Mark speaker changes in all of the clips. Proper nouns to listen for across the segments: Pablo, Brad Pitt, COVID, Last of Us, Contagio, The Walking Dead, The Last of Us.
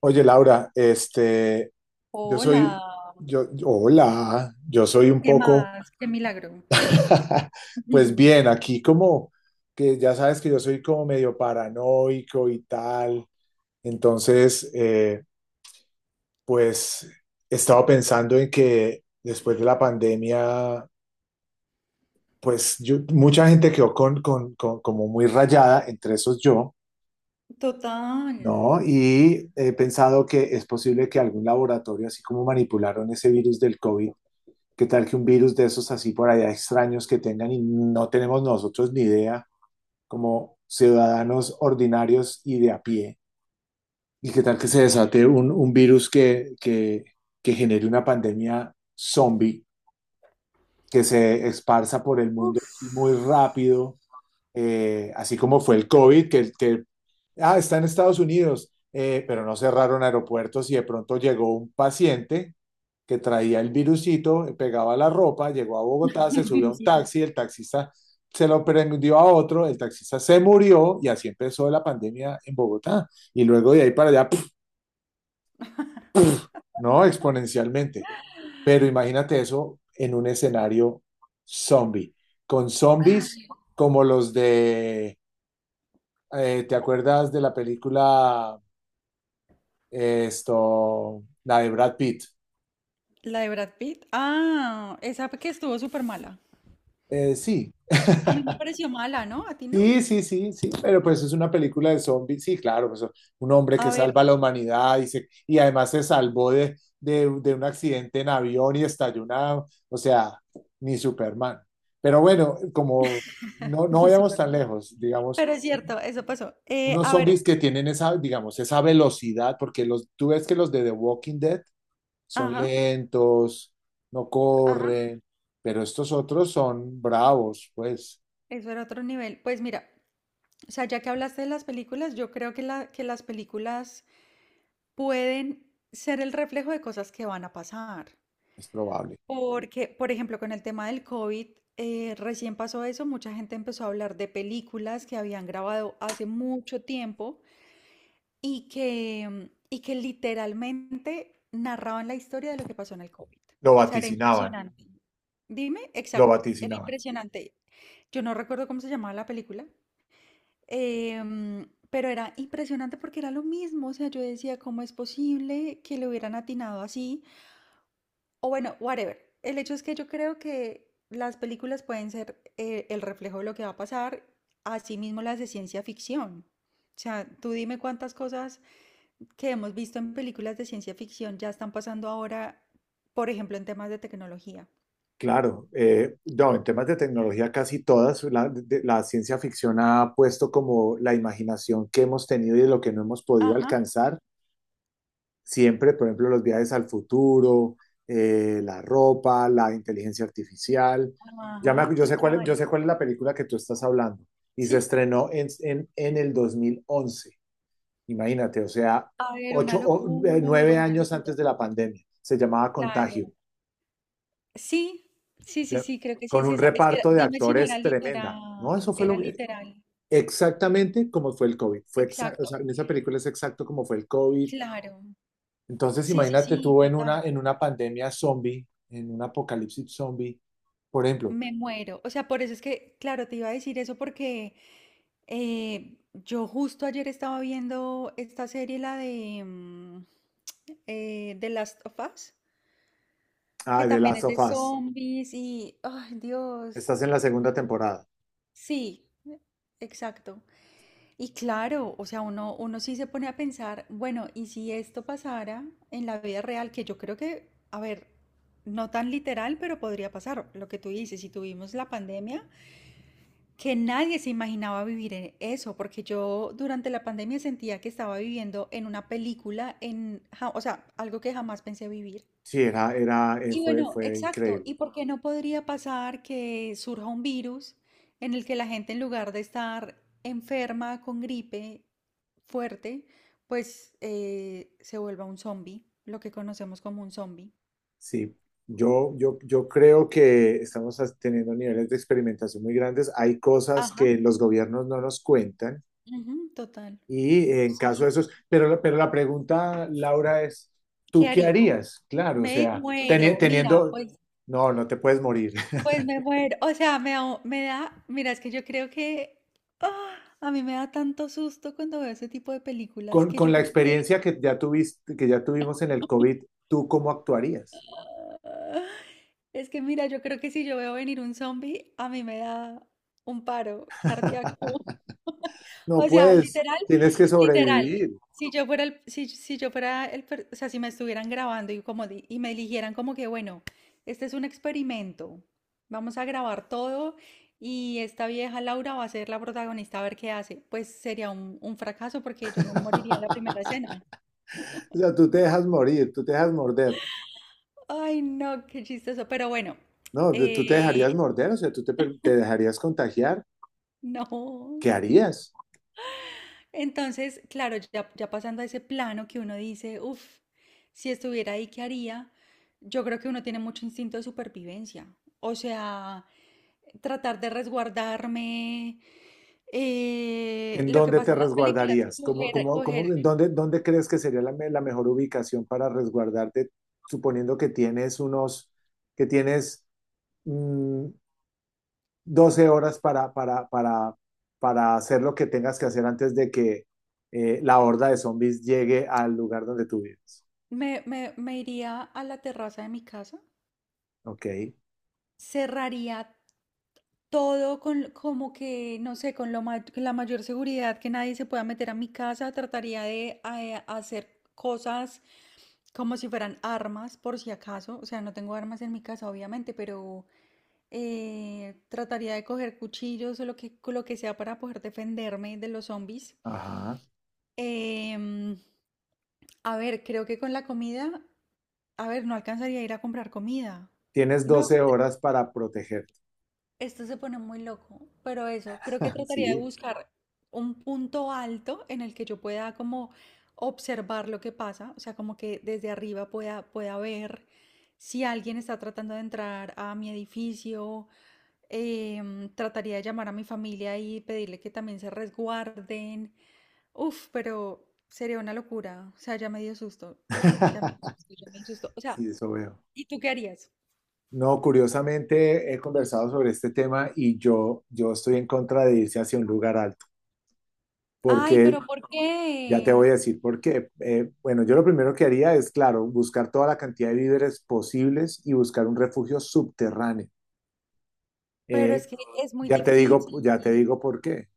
Speaker 1: Oye, Laura, este, yo
Speaker 2: Hola,
Speaker 1: soy, yo- hola, yo soy un
Speaker 2: ¿qué
Speaker 1: poco,
Speaker 2: más? Qué milagro.
Speaker 1: pues bien, aquí como que ya sabes que yo soy como medio paranoico y tal, entonces, pues he estado pensando en que después de la pandemia, pues mucha gente quedó como muy rayada, entre esos yo.
Speaker 2: Total.
Speaker 1: ¿No? Y he pensado que es posible que algún laboratorio, así como manipularon ese virus del COVID. ¿Qué tal que un virus de esos así por allá extraños que tengan y no tenemos nosotros ni idea como ciudadanos ordinarios y de a pie? ¿Y qué tal que se desate un virus que genere una pandemia zombie que se esparza por el mundo
Speaker 2: Uf,
Speaker 1: así muy rápido, así como fue el COVID, que, está en Estados Unidos, pero no cerraron aeropuertos y de pronto llegó un paciente que traía el virusito, pegaba la ropa, llegó a Bogotá, se
Speaker 2: el
Speaker 1: subió a un
Speaker 2: virusito.
Speaker 1: taxi, el taxista se lo prendió a otro, el taxista se murió y así empezó la pandemia en Bogotá. Y luego de ahí para allá, ¡puf! No, exponencialmente. Pero imagínate eso en un escenario zombie, con zombies
Speaker 2: Ay,
Speaker 1: como los de, ¿te acuerdas de la película, esto, la de Brad Pitt?
Speaker 2: la de Brad Pitt. Ah, esa que estuvo súper mala.
Speaker 1: Sí,
Speaker 2: A mí me pareció mala, ¿no? ¿A ti no?
Speaker 1: sí, sí, sí, sí, pero pues es una película de zombies, sí, claro, pues un hombre que
Speaker 2: A ver,
Speaker 1: salva a la humanidad y además se salvó de un accidente en avión y estalló una, o sea, ni Superman. Pero bueno, como no, no
Speaker 2: ni
Speaker 1: vayamos
Speaker 2: súper.
Speaker 1: tan lejos,
Speaker 2: Pero
Speaker 1: digamos,
Speaker 2: es cierto, eso pasó.
Speaker 1: unos
Speaker 2: A ver,
Speaker 1: zombies que tienen esa, digamos, esa velocidad, porque tú ves que los de The Walking Dead son
Speaker 2: ajá,
Speaker 1: lentos, no
Speaker 2: ajá,
Speaker 1: corren, pero estos otros son bravos, pues
Speaker 2: eso era otro nivel. Pues mira, o sea, ya que hablaste de las películas, yo creo que, la, que las películas pueden ser el reflejo de cosas que van a pasar.
Speaker 1: es probable.
Speaker 2: Porque, por ejemplo, con el tema del COVID, recién pasó eso, mucha gente empezó a hablar de películas que habían grabado hace mucho tiempo y que literalmente narraban la historia de lo que pasó en el COVID.
Speaker 1: Lo
Speaker 2: O sea, era
Speaker 1: vaticinaban.
Speaker 2: impresionante. Dime,
Speaker 1: Lo
Speaker 2: exacto, era
Speaker 1: vaticinaban.
Speaker 2: impresionante. Yo no recuerdo cómo se llamaba la película, pero era impresionante porque era lo mismo. O sea, yo decía, ¿cómo es posible que le hubieran atinado así? O bueno, whatever. El hecho es que yo creo que las películas pueden ser el reflejo de lo que va a pasar, así mismo las de ciencia ficción. O sea, tú dime cuántas cosas que hemos visto en películas de ciencia ficción ya están pasando ahora, por ejemplo, en temas de tecnología.
Speaker 1: Claro, no, en temas de tecnología casi todas, la ciencia ficción ha puesto como la imaginación que hemos tenido y de lo que no hemos podido
Speaker 2: Ajá,
Speaker 1: alcanzar, siempre, por ejemplo, los viajes al futuro, la ropa, la inteligencia artificial. Ya me,
Speaker 2: ajá,
Speaker 1: acu- yo sé
Speaker 2: total.
Speaker 1: cuál es la película que tú estás hablando y se
Speaker 2: ¿Sí?
Speaker 1: estrenó en, en el 2011. Imagínate, o sea,
Speaker 2: A ver,
Speaker 1: ocho,
Speaker 2: una locura,
Speaker 1: nueve
Speaker 2: una
Speaker 1: años
Speaker 2: locura.
Speaker 1: antes de la pandemia, se llamaba Contagio.
Speaker 2: Claro. Sí, sí, sí,
Speaker 1: Sea,
Speaker 2: sí, creo que sí
Speaker 1: con
Speaker 2: es
Speaker 1: un
Speaker 2: esa. Es que
Speaker 1: reparto de
Speaker 2: dime si no era
Speaker 1: actores tremenda. No, eso
Speaker 2: literal,
Speaker 1: fue
Speaker 2: era
Speaker 1: lo que,
Speaker 2: literal.
Speaker 1: exactamente como fue el COVID. O sea,
Speaker 2: Exacto.
Speaker 1: en esa película es exacto como fue el COVID.
Speaker 2: Claro,
Speaker 1: Entonces,
Speaker 2: sí, sí,
Speaker 1: imagínate
Speaker 2: sí,
Speaker 1: tú en una,
Speaker 2: total.
Speaker 1: en una pandemia zombie, en un apocalipsis zombie, por ejemplo,
Speaker 2: Me muero. O sea, por eso es que, claro, te iba a decir eso porque yo justo ayer estaba viendo esta serie, la de The Last of Us, que
Speaker 1: ah, de
Speaker 2: también
Speaker 1: Last
Speaker 2: es
Speaker 1: of
Speaker 2: de
Speaker 1: Us.
Speaker 2: zombies y, ay, Dios,
Speaker 1: Estás en la segunda temporada.
Speaker 2: sí, exacto. Y claro, o sea, uno sí se pone a pensar, bueno, ¿y si esto pasara en la vida real? Que yo creo que, a ver, no tan literal, pero podría pasar. Lo que tú dices, si tuvimos la pandemia, que nadie se imaginaba vivir en eso, porque yo durante la pandemia sentía que estaba viviendo en una película, o sea, algo que jamás pensé vivir.
Speaker 1: Sí, era, era, eh,
Speaker 2: Y
Speaker 1: fue,
Speaker 2: bueno,
Speaker 1: fue
Speaker 2: exacto.
Speaker 1: increíble.
Speaker 2: ¿Y por qué no podría pasar que surja un virus en el que la gente en lugar de estar enferma con gripe fuerte, pues se vuelva un zombie, lo que conocemos como un zombie?
Speaker 1: Sí, yo creo que estamos teniendo niveles de experimentación muy grandes. Hay cosas
Speaker 2: Ajá,
Speaker 1: que los gobiernos no nos cuentan.
Speaker 2: ujú, total.
Speaker 1: Y en
Speaker 2: Sí,
Speaker 1: caso de esos,
Speaker 2: sí.
Speaker 1: pero la pregunta, Laura, es,
Speaker 2: ¿Qué
Speaker 1: ¿tú qué
Speaker 2: haría?
Speaker 1: harías? Claro, o
Speaker 2: Me
Speaker 1: sea, teni-
Speaker 2: muero, mira,
Speaker 1: teniendo,
Speaker 2: pues,
Speaker 1: no, no te puedes morir.
Speaker 2: me muero. O sea, mira, es que yo creo que ah, a mí me da tanto susto cuando veo ese tipo de películas
Speaker 1: Con,
Speaker 2: que
Speaker 1: con
Speaker 2: yo
Speaker 1: la
Speaker 2: creo que.
Speaker 1: experiencia que ya tuviste, que ya tuvimos en el COVID, ¿tú cómo actuarías?
Speaker 2: Es que mira, yo creo que si yo veo venir un zombie, a mí me da un paro cardíaco.
Speaker 1: No
Speaker 2: O sea,
Speaker 1: puedes,
Speaker 2: literal,
Speaker 1: tienes que
Speaker 2: literal.
Speaker 1: sobrevivir.
Speaker 2: Si yo fuera el, o sea, si me estuvieran grabando y y me eligieran como que, bueno, este es un experimento. Vamos a grabar todo y esta vieja Laura va a ser la protagonista a ver qué hace. Pues sería un fracaso porque yo me moriría en la primera escena.
Speaker 1: O sea, tú te dejas morir, tú te dejas morder.
Speaker 2: Ay, no, qué chistoso. Pero bueno,
Speaker 1: No, tú te
Speaker 2: eh,
Speaker 1: dejarías morder, o sea, te dejarías contagiar.
Speaker 2: no.
Speaker 1: ¿Qué harías?
Speaker 2: Entonces, claro, ya pasando a ese plano que uno dice, uff, si estuviera ahí, ¿qué haría? Yo creo que uno tiene mucho instinto de supervivencia. O sea, tratar de resguardarme.
Speaker 1: ¿En
Speaker 2: Lo que
Speaker 1: dónde
Speaker 2: pasa
Speaker 1: te
Speaker 2: en las películas,
Speaker 1: resguardarías? ¿Cómo,
Speaker 2: coger,
Speaker 1: cómo, cómo, dónde crees que sería la mejor ubicación para resguardarte, suponiendo que tienes mm, 12 horas para hacer lo que tengas que hacer antes de que la horda de zombies llegue al lugar donde tú vives?
Speaker 2: me iría a la terraza de mi casa,
Speaker 1: Ok,
Speaker 2: cerraría todo con, como que, no sé, con la mayor seguridad que nadie se pueda meter a mi casa. Trataría de hacer cosas como si fueran armas, por si acaso. O sea, no tengo armas en mi casa, obviamente, pero trataría de coger cuchillos o lo que sea para poder defenderme de los zombies.
Speaker 1: ajá.
Speaker 2: Em, a ver, creo que con la comida, a ver, no alcanzaría a ir a comprar comida.
Speaker 1: Tienes
Speaker 2: No,
Speaker 1: 12 horas para protegerte.
Speaker 2: esto se pone muy loco, pero eso, creo que trataría de
Speaker 1: Sí,
Speaker 2: buscar un punto alto en el que yo pueda como observar lo que pasa, o sea, como que desde arriba pueda, pueda ver si alguien está tratando de entrar a mi edificio. Trataría de llamar a mi familia y pedirle que también se resguarden. Uf, pero sería una locura. O sea, ya me dio susto. Ya me dio susto, ya me dio susto. O sea,
Speaker 1: sí, eso veo.
Speaker 2: ¿y tú qué harías?
Speaker 1: No, curiosamente he conversado sobre este tema y yo estoy en contra de irse hacia un lugar alto,
Speaker 2: Ay,
Speaker 1: porque
Speaker 2: pero ¿por
Speaker 1: ya te
Speaker 2: qué?
Speaker 1: voy a decir por qué. Bueno, yo lo primero que haría es, claro, buscar toda la cantidad de víveres posibles y buscar un refugio subterráneo.
Speaker 2: Pero
Speaker 1: Eh,
Speaker 2: es que es muy
Speaker 1: ya te digo, ya te
Speaker 2: difícil.
Speaker 1: digo por qué.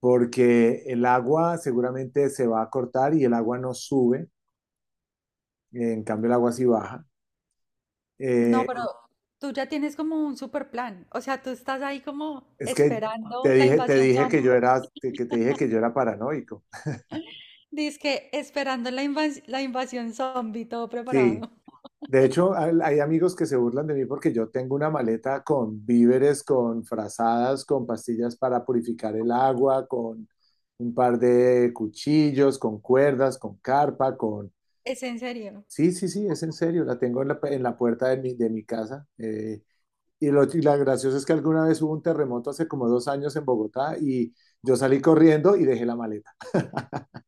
Speaker 1: Porque el agua seguramente se va a cortar y el agua no sube, en cambio el agua sí baja.
Speaker 2: No,
Speaker 1: Eh,
Speaker 2: pero tú ya tienes como un super plan. O sea, tú estás ahí como
Speaker 1: es que
Speaker 2: esperando
Speaker 1: te
Speaker 2: la
Speaker 1: dije, te
Speaker 2: invasión
Speaker 1: dije
Speaker 2: zombie.
Speaker 1: que yo era paranoico.
Speaker 2: Dice que esperando la invasión zombie, todo
Speaker 1: Sí,
Speaker 2: preparado.
Speaker 1: de hecho, hay amigos que se burlan de mí porque yo tengo una maleta con víveres, con frazadas, con pastillas para purificar el agua, con un par de cuchillos, con cuerdas, con carpa, con...
Speaker 2: Es en serio.
Speaker 1: Sí, sí, sí, es en serio, la tengo en la, puerta de mi casa. Y la graciosa es que alguna vez hubo un terremoto hace como 2 años en Bogotá y yo salí corriendo y dejé la maleta.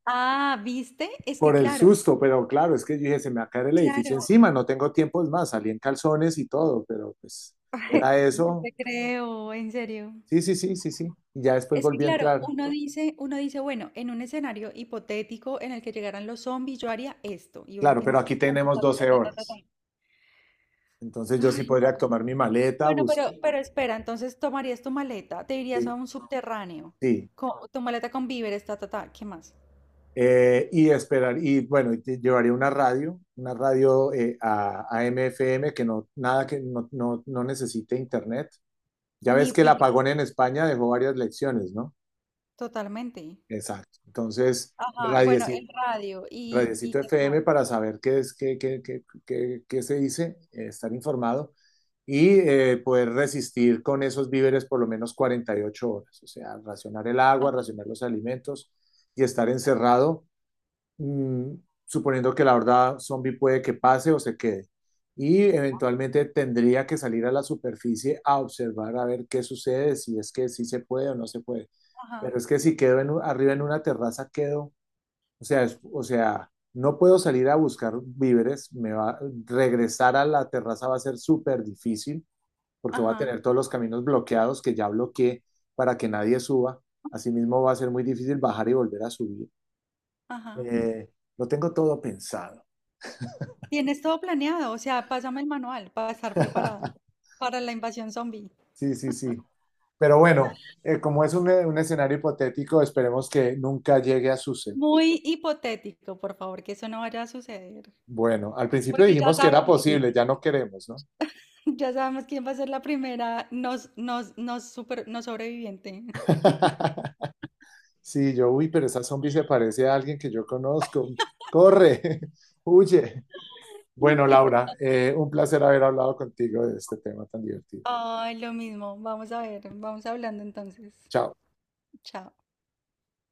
Speaker 2: Ah, ¿viste? Es que
Speaker 1: Por el
Speaker 2: claro,
Speaker 1: susto, pero claro, es que yo dije, se me va a caer el edificio
Speaker 2: claro.
Speaker 1: encima, no tengo tiempo, es más, salí en calzones y todo, pero pues era
Speaker 2: No
Speaker 1: eso.
Speaker 2: te creo, en serio.
Speaker 1: Sí, sí, sí, sí, sí. Y ya después
Speaker 2: Es que
Speaker 1: volví a
Speaker 2: claro,
Speaker 1: entrar.
Speaker 2: uno dice, bueno, en un escenario hipotético en el que llegaran los zombies, yo haría esto. Y uno
Speaker 1: Claro,
Speaker 2: tiene
Speaker 1: pero aquí
Speaker 2: todo como
Speaker 1: tenemos
Speaker 2: ta, ta, ta,
Speaker 1: 12
Speaker 2: ta, ta, ta, ta.
Speaker 1: horas. Entonces yo sí
Speaker 2: Ay, no.
Speaker 1: podría tomar mi maleta,
Speaker 2: Bueno, pero,
Speaker 1: busque.
Speaker 2: pero espera, entonces tomarías tu maleta, te irías a
Speaker 1: Sí,
Speaker 2: un subterráneo,
Speaker 1: sí.
Speaker 2: tu maleta con víveres, ta, ta, ta, ¿qué más?
Speaker 1: Y esperar, y bueno, llevaría una radio, una radio, A M F M que no, nada que no, no, no necesite internet. Ya
Speaker 2: Ni
Speaker 1: ves que el
Speaker 2: pilas,
Speaker 1: apagón en España dejó varias lecciones, ¿no?
Speaker 2: totalmente.
Speaker 1: Exacto. Entonces,
Speaker 2: Ajá,
Speaker 1: radio.
Speaker 2: bueno, el radio y
Speaker 1: Radiecito
Speaker 2: qué
Speaker 1: FM
Speaker 2: más.
Speaker 1: para saber qué es, qué, qué, qué, qué- qué se dice, estar informado y poder resistir con esos víveres por lo menos 48 horas, o sea, racionar el agua,
Speaker 2: Ajá,
Speaker 1: racionar los alimentos y estar encerrado, mm, suponiendo que la horda zombie puede que pase o se quede. Y eventualmente tendría que salir a la superficie a observar a ver qué sucede, si es que sí se puede o no se puede.
Speaker 2: ajá,
Speaker 1: Pero es que si quedo arriba en una terraza, quedo, o sea, no puedo salir a buscar víveres, regresar a la terraza va a ser súper difícil porque voy a
Speaker 2: ajá,
Speaker 1: tener todos los caminos bloqueados que ya bloqueé para que nadie suba. Asimismo, va a ser muy difícil bajar y volver a subir.
Speaker 2: ajá.
Speaker 1: Eh, lo tengo todo pensado.
Speaker 2: Tienes todo planeado, o sea, pásame el manual para estar preparado para la invasión zombie.
Speaker 1: Sí, sí, sí. Pero bueno, como es un escenario hipotético, esperemos que nunca llegue a suceder.
Speaker 2: Muy hipotético, por favor, que eso no vaya a suceder.
Speaker 1: Bueno, al principio
Speaker 2: Porque ya
Speaker 1: dijimos que era,
Speaker 2: sabemos,
Speaker 1: sí, posible, ya no queremos, ¿no?
Speaker 2: ya sabemos quién va a ser la primera nos super, no sobreviviente.
Speaker 1: Sí, uy, pero esa zombie se parece a alguien que yo conozco. Corre, huye. Bueno,
Speaker 2: Literal.
Speaker 1: Laura, un placer haber hablado contigo de este tema tan divertido.
Speaker 2: Ay, lo mismo. Vamos a ver, vamos hablando entonces.
Speaker 1: Chao.
Speaker 2: Chao.